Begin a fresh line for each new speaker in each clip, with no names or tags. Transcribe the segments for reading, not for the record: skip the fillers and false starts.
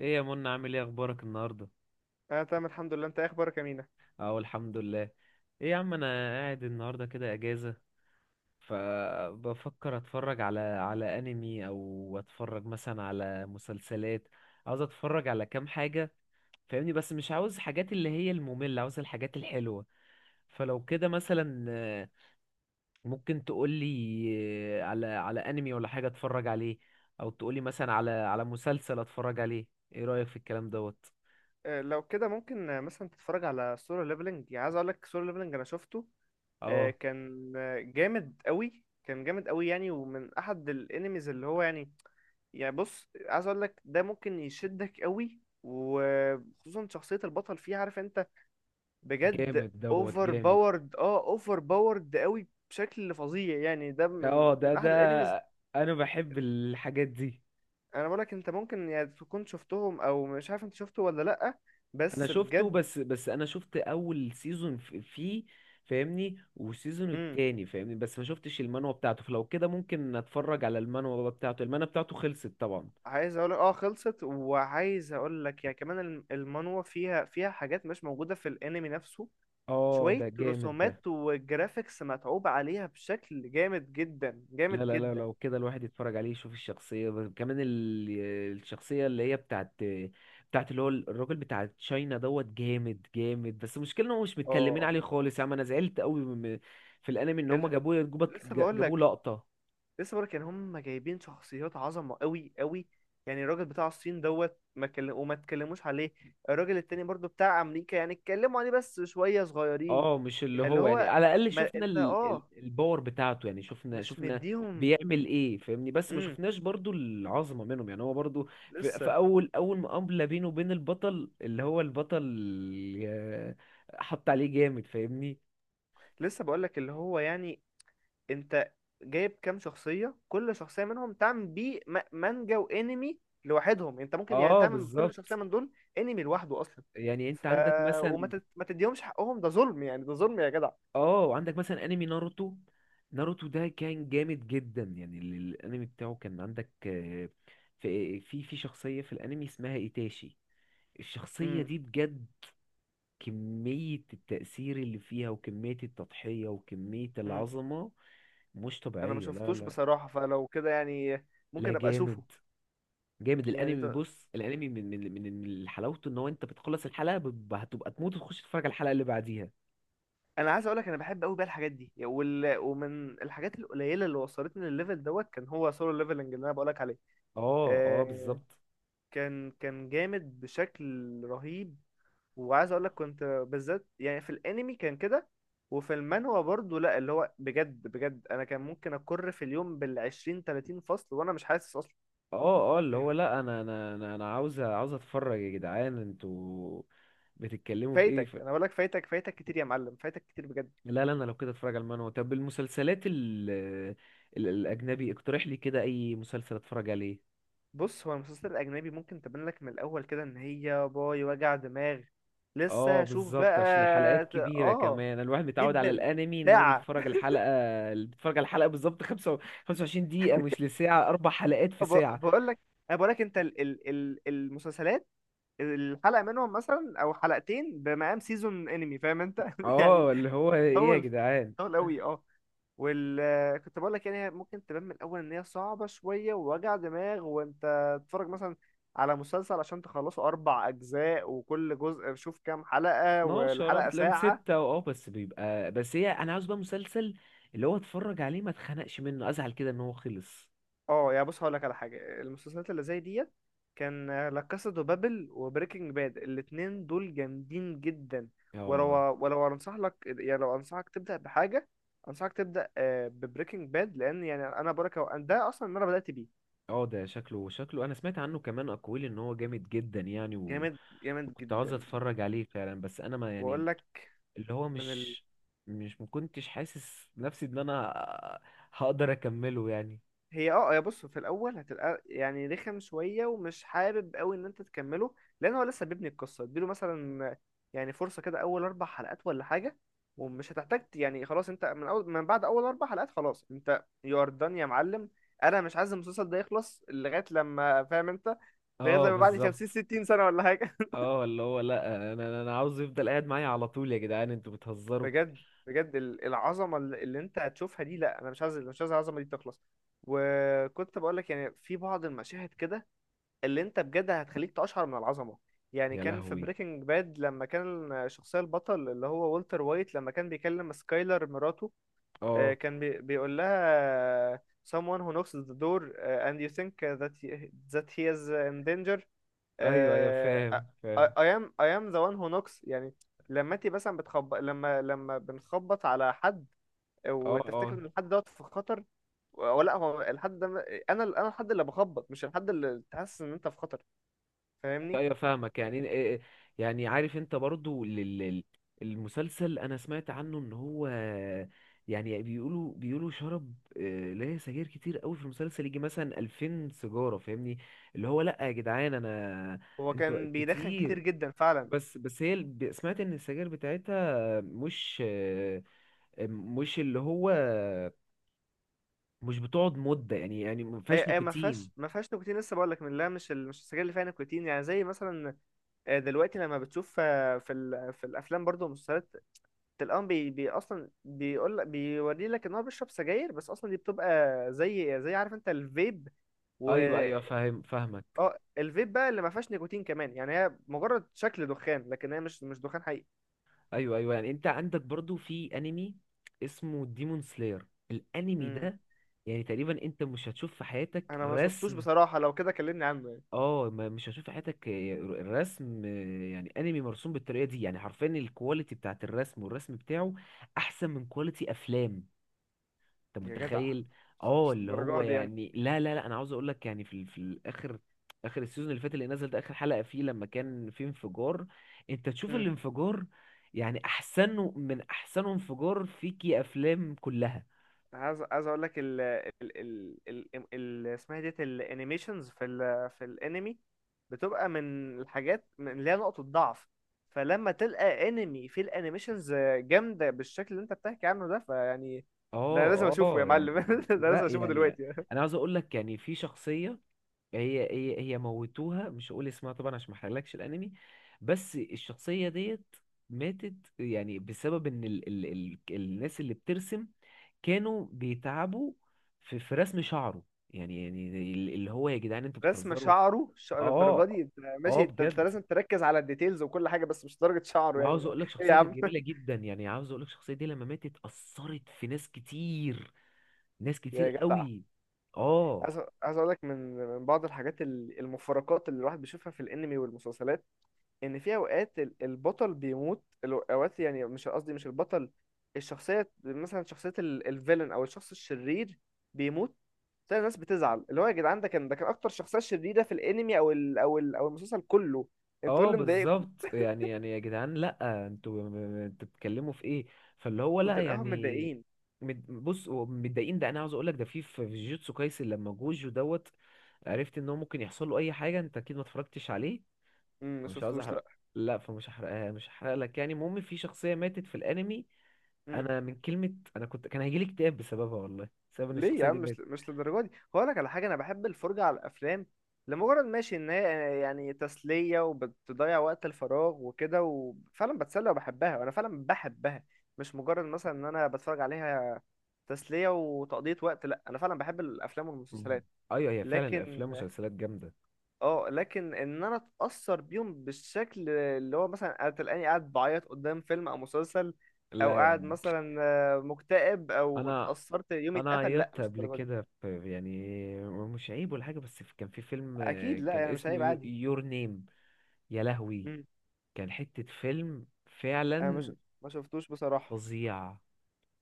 ايه يا منى؟ عامل ايه اخبارك النهارده؟
انا تمام الحمد لله. انت إيه اخبارك يا مينا؟
اهو الحمد لله. ايه يا عم، انا قاعد النهارده كده اجازه، فبفكر اتفرج على انمي، او اتفرج مثلا على مسلسلات. عاوز اتفرج على كام حاجه فاهمني، بس مش عاوز حاجات اللي هي الممله، عاوز الحاجات الحلوه. فلو كده مثلا ممكن تقولي على انمي ولا حاجه اتفرج عليه، او تقولي مثلا على مسلسل اتفرج عليه. ايه رايك في الكلام دوت؟
لو كده ممكن مثلا تتفرج على سولو ليفلنج. يعني عايز اقول لك سولو ليفلنج انا شفته.
اه.
كان جامد قوي، كان جامد قوي يعني، ومن احد الانميز اللي هو يعني بص، عايز اقول لك ده ممكن يشدك قوي، وخصوصا شخصية البطل فيه. عارف انت، بجد
جامد دوت
اوفر
جامد.
باورد. اه اوفر باورد قوي بشكل فظيع يعني. ده من
اه، ده
من
ده
احد الانميز.
انا بحب الحاجات دي.
انا بقول لك انت ممكن يعني تكون شفتهم، او مش عارف انت شفته ولا لا،
انا
بس
شفته،
بجد.
بس انا شفت اول سيزون فيه فاهمني، والسيزون
امم
التاني فاهمني، بس ما شفتش المانوا بتاعته. فلو كده ممكن اتفرج على المانوا بتاعته. المانوا بتاعته خلصت طبعا.
عايز اقول اه خلصت، وعايز اقول لك يا كمان المانوا فيها حاجات مش موجوده في الانمي نفسه.
اه
شويه
ده جامد ده.
رسومات وجرافيكس متعوب عليها بشكل جامد جدا،
لا
جامد
لا لا،
جدا.
لو كده الواحد يتفرج عليه يشوف الشخصية، بس كمان الشخصية اللي هي بتاعت اللي هو الراجل بتاع تشاينا دوت. جامد جامد، بس المشكلة ان هو مش متكلمين
اه
عليه خالص. يا عم انا زعلت قوي في الانمي ان هما
ال...
جابوه جابوه
لسه بقول
جابوه
لك،
لقطة.
لسه بقول لك يعني، هم جايبين شخصيات عظمه قوي قوي. يعني الراجل بتاع الصين دوت ما وما اتكلموش عليه. الراجل التاني برضو بتاع امريكا يعني اتكلموا عليه بس شويه صغيرين.
اه مش اللي
يعني اللي
هو، يعني
هو،
على الاقل
ما
شفنا
انت اه
الباور بتاعته، يعني شفنا
مش
شفنا
مديهم.
بيعمل ايه فاهمني، بس ما
مم.
شفناش برضو العظمه منهم. يعني هو برضو في
لسه.
اول مقابله بينه وبين البطل اللي هو البطل، آه، حط عليه جامد فاهمني.
لسه بقولك اللي هو يعني، انت جايب كام شخصية، كل شخصية منهم تعمل بيه مانجا وانمي لوحدهم. انت ممكن يعني
اه
تعمل كل
بالظبط،
شخصية من دول انمي لوحده اصلا.
يعني انت
ف
عندك
وما
مثلا،
ما تديهمش حقهم، ده ظلم يعني، ده ظلم يا جدع.
اه عندك مثلا انمي ناروتو. ناروتو ده كان جامد جدا. يعني الانمي بتاعه كان عندك، في في شخصيه في الانمي اسمها ايتاشي. الشخصية
امم
دي بجد كمية التأثير اللي فيها وكمية التضحية وكمية
امم
العظمة مش
انا ما
طبيعية. لا
شفتوش
لا
بصراحة، فلو كده يعني
لا،
ممكن ابقى اشوفه.
جامد جامد
يعني ط...
الانمي. بص الانمي من حلاوته ان هو انت بتخلص الحلقة هتبقى تموت وتخش تتفرج على الحلقة اللي بعديها.
انا عايز اقولك انا بحب قوي بقى الحاجات دي، ومن الحاجات القليلة اللي وصلتني للليفل دوت كان هو سولو ليفلنج اللي انا بقولك عليه.
اه اه
آه،
بالظبط.
كان، كان جامد بشكل رهيب. وعايز اقول لك كنت بالذات يعني في الانمي كان كده، وفي المانهوا برضه. لا اللي هو بجد بجد، انا كان ممكن اكر في اليوم بالعشرين تلاتين فصل وانا مش حاسس اصلا.
اه اه اللي هو، لا انا عاوز اتفرج. يا جدعان انتوا بتتكلموا في ايه
فايتك. انا بقول لك فايتك، فايتك كتير يا معلم، فايتك كتير بجد.
لا لا، انا لو كده اتفرج على المانهوا. طب المسلسلات الاجنبي اقترح لي كده اي مسلسل اتفرج عليه.
بص، هو المسلسل الاجنبي ممكن تبان لك من الاول كده ان هي باي وجع دماغ.
اه
لسه شوف
بالظبط، عشان الحلقات
بقى ت-
كبيرة.
اه
كمان الواحد متعود على
جدا.
الانمي ان هو
ساعة
بيتفرج الحلقة، اللي بيتفرج على الحلقة بالظبط 25 دقيقة، مش لساعة، اربع حلقات في ساعة.
بقول لك، انا بقول لك انت ال المسلسلات، الحلقه منهم مثلا او حلقتين بمقام سيزون انمي. فاهم انت يعني
اه اللي هو ايه يا
طول،
جدعان؟
طول قوي اه. وال كنت بقول لك يعني هي ممكن تبان من الاول ان هي صعبه شويه ووجع دماغ، وانت تتفرج مثلا على مسلسل عشان تخلصه اربع اجزاء، وكل جزء شوف كام حلقه،
12، اه
والحلقه
بتلاقيهم
ساعه.
ستة، اه. بس بيبقى، بس هي انا عاوز بقى مسلسل اللي هو اتفرج عليه ما اتخنقش منه، ازعل كده ان هو خلص.
اه يعني بص هقول لك على حاجه. المسلسلات اللي زي ديت كان لا كاسا دو بابل وبريكنج باد، الاتنين دول جامدين جدا. ولو
اه
ولو انصح لك يعني، لو انصحك تبدا بحاجه، انصحك تبدا ببريكنج باد. لان يعني انا بقول لك ده اصلا اللي انا بدات بيه.
اه، ده شكله، انا سمعت عنه كمان اقوال ان هو جامد جدا، يعني
جامد، جامد
وكنت عاوز
جدا.
اتفرج عليه فعلا. بس انا ما يعني،
واقول لك
اللي هو
من.
مش، مكنتش حاسس نفسي ان انا هقدر اكمله يعني.
هي اه، يا بص في الاول هتبقى يعني رخم شويه، ومش حابب قوي ان انت تكمله، لان هو لسه بيبني القصه. اديله مثلا يعني فرصه كده، اول اربع حلقات ولا حاجه. ومش هتحتاج يعني خلاص انت من اول، من بعد اول اربع حلقات، خلاص انت يو ار دان يا معلم. انا مش عايز المسلسل ده يخلص لغايه لما فاهم انت، لغايه
اه
لما بعد 50
بالظبط.
60 سنه ولا حاجه.
اه اللي هو لا، انا عاوز يفضل قاعد معايا على طول. يا جدعان انتوا بتهزروا.
بجد، بجد العظمه اللي اللي انت هتشوفها دي، لا انا مش عايز، مش عايز العظمه دي تخلص. وكنت بقول لك يعني في بعض المشاهد كده اللي انت بجد هتخليك تقشعر من العظمه. يعني
يا
كان في
لهوي.
بريكنج باد، لما كان الشخصيه البطل اللي هو والتر وايت، لما كان بيكلم سكايلر مراته،
اه.
كان بيقول لها، آه، someone who knocks the door, and you think that that he is in danger.
ايوه ايوه،
آه،
فاهم
I,
فاهم.
I am the one who knocks. يعني لما انت مثلا بتخبط، لما بنخبط على حد،
اه
وتفتكر
اه
ان الحد دوت في خطر، ولا هو الحد ده. انا الحد اللي بخبط، مش الحد اللي تحس ان انت في خطر. فاهمني.
ايوه، فاهمك يعني إيه- إيه- إيه، يعني عارف انت برضو المسلسل، انا سمعت عنه ان هو، يعني، بيقولوا شرب اللي هي سجاير كتير قوي في المسلسل، يجي مثلا 2000 سيجاره فاهمني. اللي هو لا يا جدعان، انا
هو
انتوا
كان بيدخن كتير
كتير.
جدا فعلا.
بس هي سمعت ان السجاير بتاعتها مش مش اللي هو، مش بتقعد مده يعني. ما
اي
فيهاش
اي ما
نيكوتين.
فيهاش ما فيهاش نيكوتين. لسه بقول لك، من لا، مش السجاير اللي فيها نيكوتين، يعني زي مثلا دلوقتي لما بتشوف في الافلام برضو والمسلسلات، تلقاهم بي اصلا بيقول لك، بيوري لك ان هو بيشرب سجاير، بس اصلا دي بتبقى زي، زي عارف انت الفيب. و
ايوه ايوه، فاهم فاهمك.
اه الفيب بقى اللي ما فيهاش نيكوتين كمان. يعني هي مجرد شكل دخان، لكن هي مش، مش دخان حقيقي.
ايوه ايوه، يعني انت عندك برضو في انمي اسمه ديمون سلاير. الانمي
امم.
ده يعني تقريبا انت مش هتشوف في حياتك
انا ما شفتوش
رسم،
بصراحة، لو كده كلمني عنه يعني.
اه مش هتشوف في حياتك رسم، يعني انمي مرسوم بالطريقه دي. يعني حرفيا الكواليتي بتاعت الرسم والرسم بتاعه احسن من كواليتي افلام. انت
يا جدع،
متخيل؟
مش
اه
مش
اللي هو
الدرجة دي يعني.
يعني لا لا لا، انا عاوز اقول لك يعني في في الاخر، اخر السيزون اللي فات اللي نزل ده، اخر حلقة فيه لما كان في انفجار، انت تشوف
مم.
الانفجار يعني احسن من احسن انفجار فيكي افلام كلها.
عايز، عايز اقول لك ال اسمها ديت الانيميشنز في ال، في الانمي، بتبقى من الحاجات، من اللي هي نقطة ضعف. فلما تلقى انمي فيه الانيميشنز جامدة بالشكل اللي انت بتحكي عنه ده، فيعني ده لازم
اه
اشوفه يا
اه
معلم
يعني
ده
لا،
لازم اشوفه
يعني
دلوقتي.
انا عاوز اقول لك يعني في شخصية، هي موتوها، مش هقول اسمها طبعا عشان ما احرقلكش الانمي. بس الشخصيه ديت ماتت، يعني بسبب ان ال ال ال الناس اللي بترسم كانوا بيتعبوا في رسم شعره. يعني اللي هو، يا جدعان انتوا
رسم
بتهزروا.
شعره للدرجه
اه
دي انت؟ ماشي،
اه
أنت
بجد.
لازم تركز على الديتيلز وكل حاجة، بس مش درجة شعره
وعاوز
يعني.
اقول لك
ايه يا
شخصيه كانت
عم
جميله جدا، يعني عاوز اقول لك الشخصيه دي لما ماتت اثرت في ناس كتير، ناس كتير
يا جدع،
قوي. اه
عايز، عايز اقول لك من، من بعض الحاجات، المفارقات اللي الواحد بيشوفها في الانمي والمسلسلات، ان في اوقات البطل بيموت، اوقات يعني مش قصدي مش البطل، الشخصيه مثلا، شخصيه الفيلن او الشخص الشرير بيموت. تلاقي الناس بتزعل، اللي هو يا جدعان ده كان، ده كان اكتر شخصيه شريره في الانمي او او المسلسل كله. انتوا
اه
إيه اللي مضايقكم؟
بالظبط. يعني يا جدعان لا، انتوا انتوا بتتكلموا في ايه؟ فاللي هو لا
وتلاقيهم
يعني،
متضايقين.
بص هو متضايقين ده، انا عاوز اقول لك ده في في جيتسو كايسن لما جوجو دوت. عرفت ان هو ممكن يحصل له اي حاجه. انت اكيد ما اتفرجتش عليه،
امم، ما
فمش عاوز
شفتوش
احرق،
لا.
لا فمش هحرقها، مش هحرق لك يعني. المهم في شخصيه ماتت في الانمي،
امم.
انا من كلمه انا كنت، كان هيجيلي اكتئاب بسببها والله، بسبب ان
ليه يا
الشخصيه
عم،
دي ماتت.
مش مش للدرجه دي. هقول لك على حاجه، انا بحب الفرجه على الافلام لمجرد ماشي ان هي يعني تسليه وبتضيع وقت الفراغ وكده، وفعلا بتسلى وبحبها، وانا فعلا بحبها. مش مجرد مثلا ان انا بتفرج عليها تسليه وتقضيه وقت. لا، انا فعلا بحب الافلام والمسلسلات،
ايوه هي فعلا
لكن.
الافلام والمسلسلات جامده.
اه لكن ان انا اتاثر بيهم بالشكل اللي هو مثلا تلاقيني قاعد بعيط قدام فيلم او مسلسل، او
لا يا
قاعد
عم،
مثلا مكتئب او
انا
اتاثرت يومي
انا
اتقفل، لا
عيطت
مش
قبل
الدرجه دي.
كده، في يعني، مش عيب ولا حاجه، بس كان في فيلم،
اكيد، لا
كان
يعني مش عيب
اسمه
عادي.
يور نيم. يا لهوي
مم.
كان حته فيلم
انا مش،
فعلا
ما شفتوش بصراحه.
فظيع.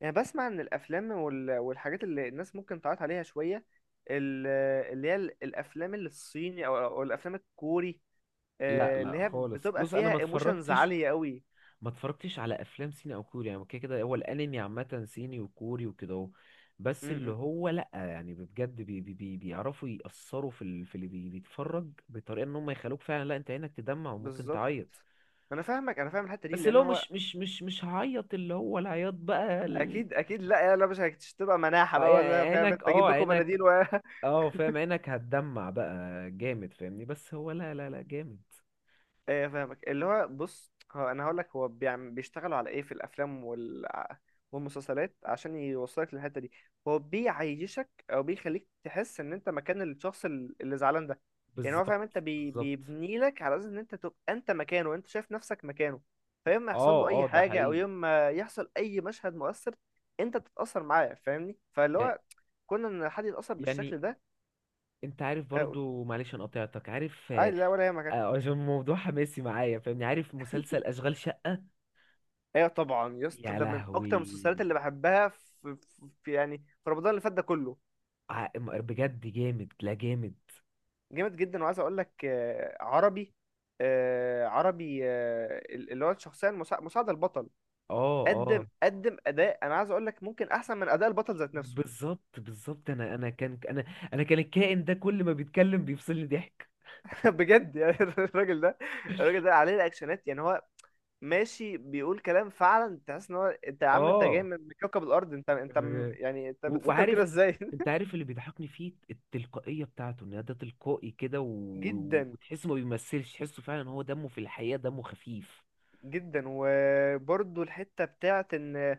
يعني بسمع ان الافلام والحاجات اللي الناس ممكن تعيط عليها شويه، ال- اللي هي الافلام اللي الصيني، او أو الافلام الكوري،
لا
اللي
لا
هي
خالص،
بتبقى
بص انا ما
فيها ايموشنز
اتفرجتش،
عاليه قوي.
ما اتفرجتش على افلام صيني او كوري. يعني كده كده هو الانمي عامه صيني وكوري وكده اهو. بس اللي
مم.
هو لا يعني بجد، بي بي بي بيعرفوا يأثروا في اللي بيتفرج، بطريقه ان هم يخلوك فعلا، لا انت عينك تدمع وممكن
بالظبط.
تعيط.
انا فاهمك، انا فاهم الحته دي
بس
لان
لو
هو.
مش، مش هعيط اللي هو العياط بقى
اكيد، اكيد، لا يلا، مش هتبقى مناحه بقى
يعني
ولا، فاهم انت،
عينك،
اجيب لكم
عينك،
مناديل
اه فاهم، عينك هتدمع بقى جامد فاهمني. بس هو لا لا لا جامد.
ايه فاهمك. اللي هو بص، هو انا هقول لك، هو بيشتغلوا على ايه في الافلام والمسلسلات عشان يوصلك للحته دي. هو بيعيشك، او بيخليك تحس ان انت مكان الشخص اللي زعلان ده. يعني هو فاهم
بالظبط
انت
بالظبط.
بيبني لك على اساس ان انت تبقى انت مكانه، وانت شايف نفسك مكانه. فيوم ما يحصل له
اه
اي
اه ده
حاجه، او
حقيقي.
يوم ما يحصل اي مشهد مؤثر، انت تتاثر معاه. فاهمني. فاللي
يع-
هو كنا ان حد يتاثر
يعني
بالشكل ده.
انت عارف
قول،
برضو، معلش انا قطعتك عارف
عادي لا ولا يهمك.
عشان الموضوع حماسي معايا فاهمني. عارف مسلسل اشغال شقة؟
ايوه طبعا يا اسطى،
يا
ده من اكتر المسلسلات
لهوي.
اللي بحبها في، في يعني، في رمضان اللي فات ده كله.
بجد جامد، لا جامد.
جامد جدا. وعايز اقول لك عربي، عربي، اللي هو الشخصيه مساعده البطل،
اه
قدم،
آه.
قدم اداء انا عايز اقول لك ممكن احسن من اداء البطل ذات نفسه.
بالظبط بالظبط. انا انا كان الكائن ده كل ما بيتكلم بيفصلني ضحك.
بجد يعني الراجل ده، الراجل ده عليه الاكشنات. يعني هو ماشي بيقول كلام فعلا تحس ان هو، انت يا عم انت جاي
اه
من كوكب الارض، انت انت
آه،
يعني انت بتفكر كده
وعارف،
ازاي
انت عارف اللي بيضحكني فيه التلقائية بتاعته، ان ده تلقائي كده، و-
جدا،
وتحسه ما بيمثلش، تحسه فعلا هو دمه في الحقيقة دمه خفيف.
جدا. وبرضو الحته بتاعت ان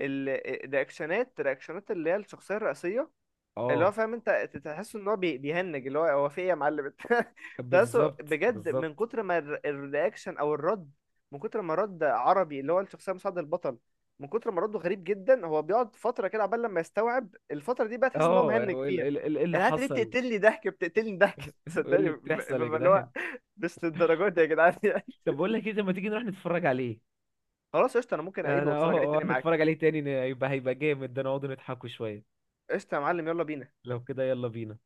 ال- الرياكشنات، الرياكشنات اللي هي الشخصيه الرئيسيه اللي هو
اه
فاهم انت، تحس ان هو بيهنج اللي هو، هو في ايه يا معلم انت تحسه
بالظبط
بجد، من
بالظبط.
كتر ما الرياكشن او الرد، من كتر ما رد عربي اللي هو الشخصيه مساعد البطل، من كتر ما رده غريب جدا، هو بيقعد فتره كده عبال لما يستوعب الفتره دي بقى، تحس ان هو
اه
مهنج
هو ايه
فيها.
إيه اللي
انا انت ليه
حصل؟
بتقتلني ضحك، بتقتلني ضحك
ايه
صدقني
اللي بتحصل يا
ببقى اللي هو،
جدعان؟
مش للدرجات دي يا جدعان يعني.
طب بقول لك ايه، طب ما تيجي نروح نتفرج عليه؟
خلاص قشطه، انا ممكن اعيد
انا
واتفرج عليه
اه
تاني معاك.
نتفرج عليه تاني يبقى هيبقى جامد ده، نقعد نضحكوا شوية.
قشطة يا معلم، يلا بينا.
لو كده يلا بينا.